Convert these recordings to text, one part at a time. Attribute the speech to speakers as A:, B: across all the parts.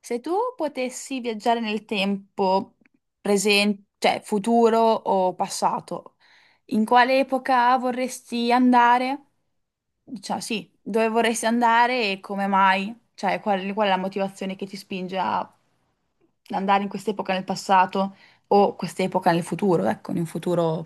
A: Se tu potessi viaggiare nel tempo, presente, cioè futuro o passato, in quale epoca vorresti andare? Cioè, sì, dove vorresti andare e come mai? Cioè, qual è la motivazione che ti spinge a andare in quest'epoca nel passato o quest'epoca nel futuro, ecco, in un futuro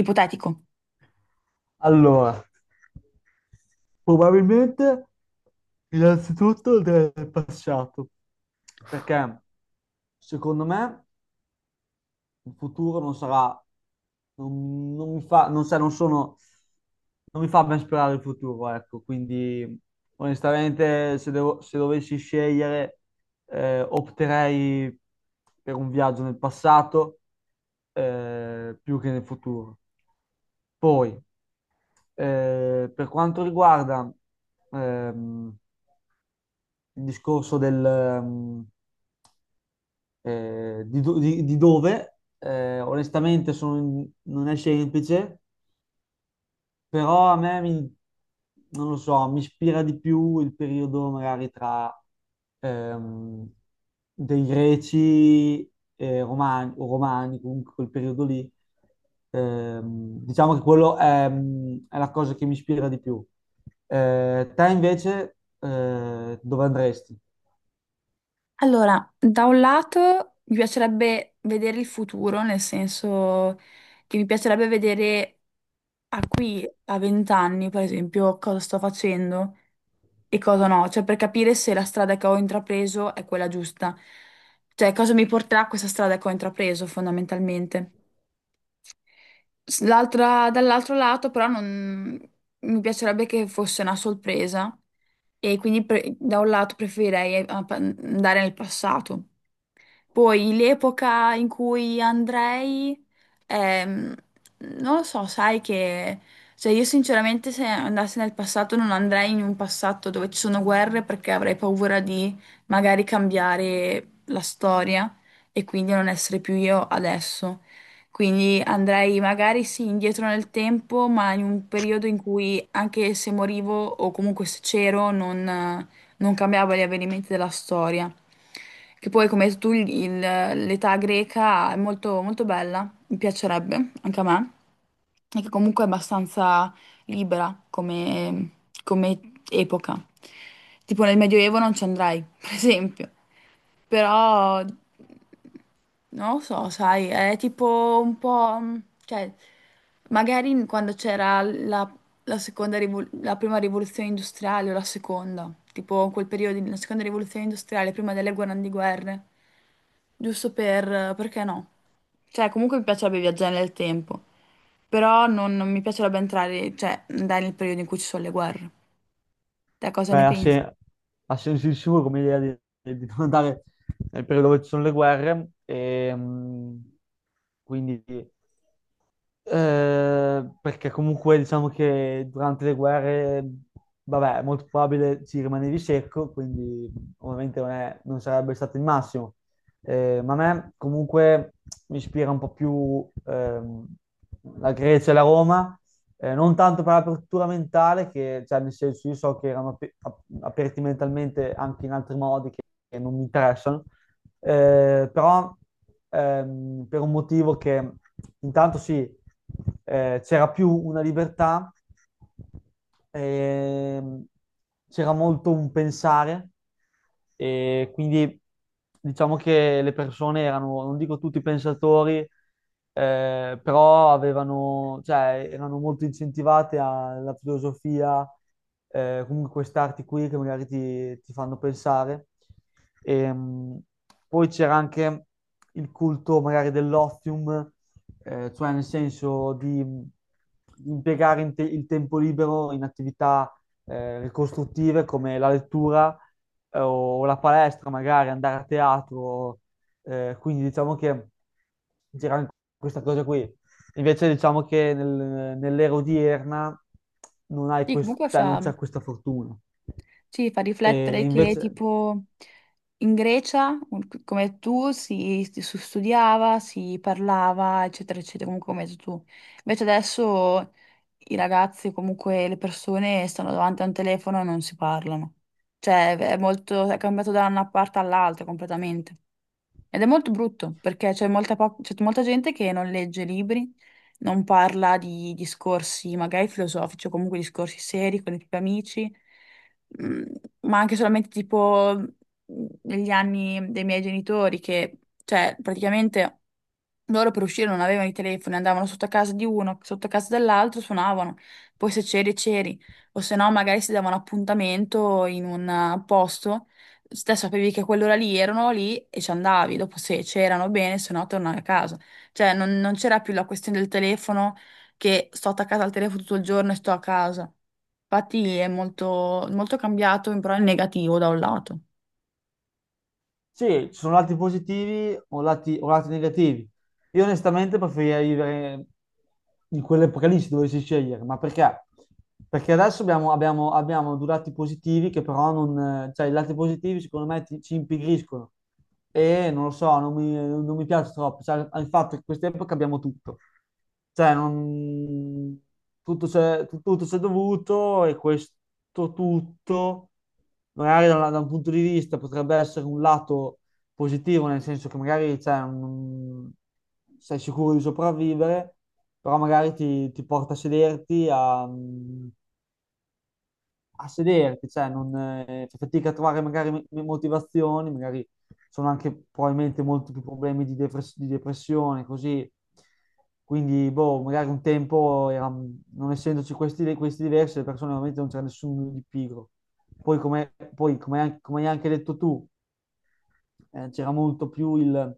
A: ipotetico?
B: Allora, probabilmente innanzitutto del passato, perché secondo me il futuro non sarà, non, non mi fa, non, sa- non sono, non mi fa ben sperare il futuro, ecco, quindi onestamente se dovessi scegliere opterei per un viaggio nel passato, più che nel futuro. Poi, per quanto riguarda ehm, il discorso del, di, do- di dove, onestamente non è semplice. Però non lo so, mi ispira di più il periodo magari tra ehm, dei greci e romani, o romani, comunque quel periodo lì. Diciamo che quello è, è la cosa che mi ispira di più. Te invece, dove andresti?
A: Allora, da un lato mi piacerebbe vedere il futuro, nel senso che mi piacerebbe vedere a qui, a vent'anni, per esempio, cosa sto facendo e cosa no, cioè per capire se la strada che ho intrapreso è quella giusta, cioè cosa mi porterà questa strada che ho intrapreso fondamentalmente. Dall'altro lato però non, mi piacerebbe che fosse una sorpresa e quindi da un lato preferirei andare nel passato. Poi l'epoca in cui andrei, ehm, non lo so, sai che, cioè io sinceramente se andassi nel passato non andrei in un passato dove ci sono guerre perché avrei paura di magari cambiare la storia e quindi non essere più io adesso. Quindi andrei magari sì indietro nel tempo, ma in un periodo in cui anche se morivo o comunque se c'ero non cambiava gli avvenimenti della storia. Che poi, come hai detto tu, l'età greca è molto, molto bella, mi piacerebbe anche a me, e che comunque è abbastanza libera come epoca. Tipo nel Medioevo non ci andrai, per esempio. Però non lo so, sai, è tipo un po', cioè, magari quando c'era la prima rivoluzione industriale o la seconda, tipo in quel periodo, la seconda rivoluzione industriale, prima delle grandi guerre, giusto perché no? Cioè, comunque mi piacerebbe viaggiare nel tempo, però non mi piacerebbe entrare, cioè, andare nel periodo in cui ci sono le guerre. Te cosa ne
B: Beh, ha,
A: pensi?
B: se- Ha senso di sicuro come idea di non andare nel periodo dove ci sono le guerre, quindi. Perché comunque diciamo che durante le guerre, vabbè, è molto probabile ci rimanevi secco, quindi ovviamente non sarebbe stato il massimo. Ma a me comunque mi ispira un po' più la Grecia e la Roma, non tanto per l'apertura mentale, che cioè, nel senso io so che erano aperti mentalmente anche in altri modi che non mi interessano, però per un motivo che intanto sì, c'era più una libertà, ehm, c'era molto un pensare e quindi diciamo che le persone erano, non dico tutti pensatori, però avevano, cioè, erano molto incentivate alla filosofia, comunque queste arti qui che magari ti fanno pensare. Ehm, Poi c'era anche il culto magari dell'ozium, cioè nel senso di il tempo libero in attività ricostruttive come la lettura, o la palestra, magari andare a teatro. Quindi diciamo che c'era anche questa cosa qui. Invece diciamo che nell'era odierna non hai
A: Sì,
B: quest- cioè, non c'è questa fortuna.
A: sì, fa
B: E
A: riflettere che
B: invece
A: tipo in Grecia, come tu, si studiava, si parlava, eccetera, eccetera, comunque come hai detto tu. Invece adesso i ragazzi, comunque le persone stanno davanti a un telefono e non si parlano. Cioè è molto, è cambiato da una parte all'altra completamente. Ed è molto brutto perché c'è molta gente che non legge libri, non parla di discorsi magari filosofici o comunque discorsi seri con i propri amici, mm, ma anche solamente tipo negli anni dei miei genitori che, cioè, praticamente loro per uscire non avevano i telefoni, andavano sotto a casa di uno, sotto a casa dell'altro, suonavano. Poi se c'eri, c'eri. O se no, magari si davano appuntamento in un posto. Te sapevi che a quell'ora lì erano lì e ci andavi. Dopo se c'erano bene, se no tornavi a casa. Cioè, non c'era più la questione del telefono che sto attaccata al telefono tutto il giorno e sto a casa. Infatti è molto, molto cambiato, però in negativo da un lato.
B: sì, ci sono lati positivi o lati negativi. Io onestamente preferirei vivere in quell'epoca lì se dovessi scegliere, ma perché? Perché adesso abbiamo due lati positivi che però non... cioè i lati positivi secondo me ci impigriscono e non lo so, non mi piace troppo, cioè il fatto che in quest'epoca abbiamo tutto, cioè non... tutto c'è, tutto c'è dovuto e questo tutto magari da un punto di vista potrebbe essere un lato positivo, nel senso che magari cioè, non- sei sicuro di sopravvivere, però magari ti porta a sederti, a sederti, cioè non, fai fatica a trovare magari motivazioni, magari sono anche probabilmente molti più problemi di, depressione, così. Quindi, boh, magari un tempo, non essendoci questi, questi diversi, le persone veramente non c'era nessuno di pigro. Come hai anche detto tu, c'era molto più il...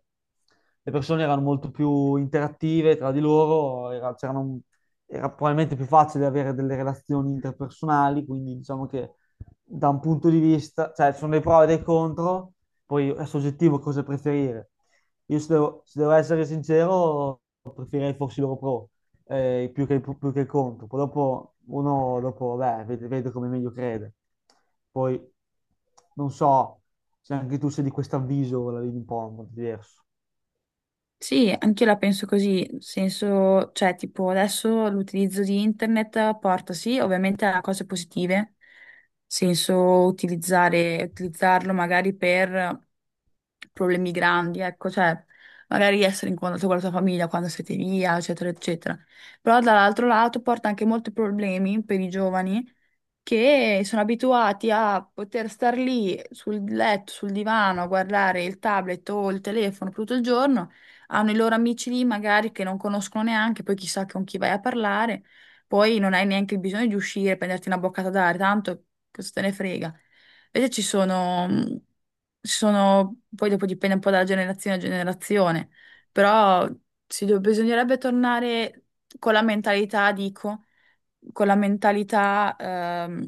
B: le persone erano molto più interattive tra di loro, era probabilmente più facile avere delle relazioni interpersonali, quindi diciamo che da un punto di vista, cioè ci sono dei pro e dei contro, poi è soggettivo cosa preferire. Io se devo essere sincero, preferirei fossi loro pro, più più che contro. Poi dopo uno dopo, beh, vede come meglio crede. Poi non so se anche tu sei di questo avviso, la vedi un po' in modo diverso.
A: Sì, anch'io la penso così, nel senso, cioè, tipo, adesso l'utilizzo di internet porta sì, ovviamente a cose positive, nel senso utilizzarlo magari per problemi grandi, ecco, cioè, magari essere in contatto con la tua famiglia quando siete via, eccetera, eccetera. Però dall'altro lato porta anche molti problemi per i giovani, che sono abituati a poter star lì sul letto, sul divano, a guardare il tablet o il telefono per tutto il giorno, hanno i loro amici lì magari che non conoscono neanche, poi chissà con chi vai a parlare, poi non hai neanche il bisogno di uscire, prenderti una boccata d'aria, tanto cosa te ne frega. Invece ci sono, poi dopo dipende un po' dalla generazione a generazione, però bisognerebbe tornare con la mentalità, dico con la mentalità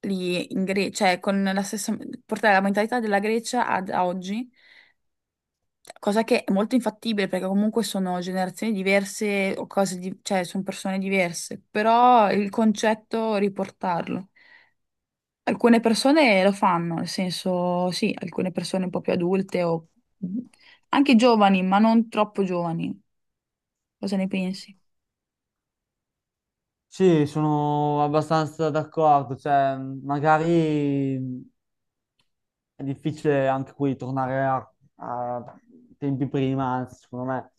A: lì in Grecia, cioè con la stessa, portare la mentalità della Grecia ad a oggi, cosa che è molto infattibile perché comunque sono generazioni diverse o cioè sono persone diverse, però il concetto riportarlo. Alcune persone lo fanno, nel senso, sì, alcune persone un po' più adulte o anche giovani, ma non troppo giovani. Cosa ne pensi?
B: Sì, sono abbastanza d'accordo, cioè magari è difficile anche qui tornare a tempi prima, anzi, secondo me,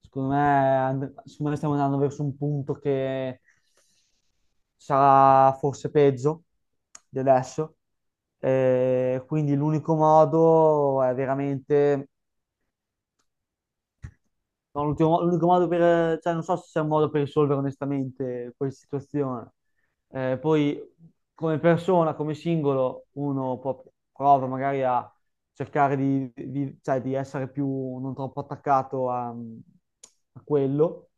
B: secondo me, and- secondo me stiamo andando verso un punto che sarà forse peggio di adesso. Quindi l'unico modo è veramente, no, l'unico modo per, cioè non so se c'è un modo per risolvere onestamente questa situazione. Poi come persona, come singolo, prova magari a cercare cioè, di essere più non troppo attaccato a, a quello,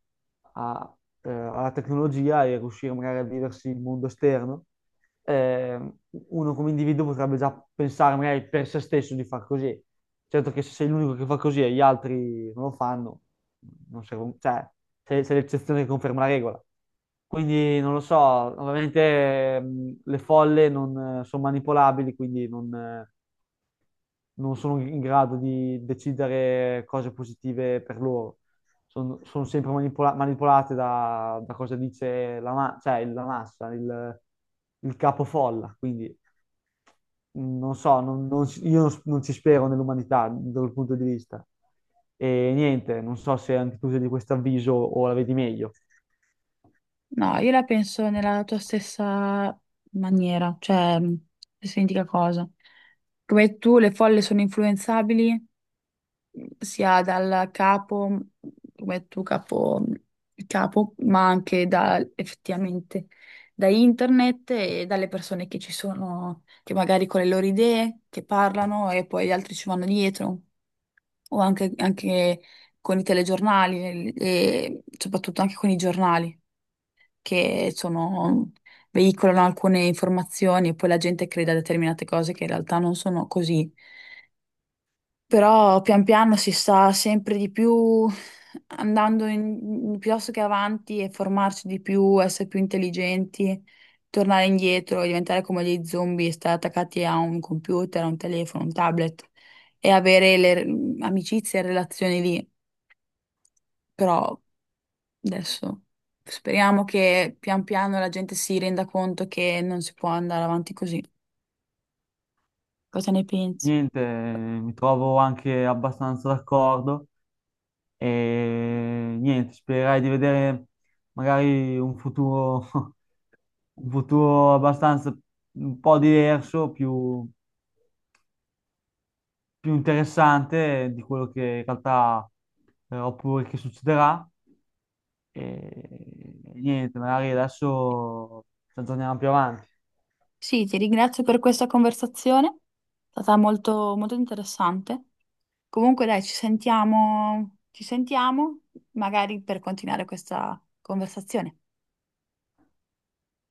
B: a- alla tecnologia e riuscire magari a viversi il mondo esterno, eh, uno come individuo potrebbe già pensare magari per se stesso di far così. Certo che se sei l'unico che fa così e gli altri non lo fanno, non serve, cioè, sei l'eccezione che conferma la regola. Quindi non lo so, ovviamente le folle non sono manipolabili, quindi non, non sono in grado di decidere cose positive per loro. Sono sempre manipolate da, da cosa dice cioè, la massa, il capofolla. Quindi non so, io non ci spero nell'umanità da quel punto di vista. E niente, non so se anche tu sei di questo avviso o la vedi meglio.
A: No, io la penso nella tua stessa maniera, cioè stessa identica cosa. Come tu, le folle sono influenzabili sia dal capo, come tu capo, il capo, ma anche da, effettivamente da internet e dalle persone che ci sono, che magari con le loro idee, che parlano e poi gli altri ci vanno dietro, o anche con i telegiornali e soprattutto anche con i giornali che sono- veicolano alcune informazioni e poi la gente crede a determinate cose che in realtà non sono così. Però pian piano si sta sempre di più piuttosto che avanti e formarsi di più, essere più intelligenti, tornare indietro, diventare come dei zombie, stare attaccati a un computer, a un telefono, un tablet e avere amicizie e relazioni lì. Però adesso speriamo che pian piano la gente si renda conto che non si può andare avanti così. Cosa ne pensi?
B: Niente, mi trovo anche abbastanza d'accordo e niente, spererei di vedere magari un futuro, un futuro abbastanza un po' diverso, più, più interessante di quello che in realtà oppure che succederà. E niente, magari adesso ci aggiorniamo più avanti.
A: Sì, ti ringrazio per questa conversazione, è stata molto, molto interessante. Comunque dai, ci sentiamo magari per continuare questa conversazione.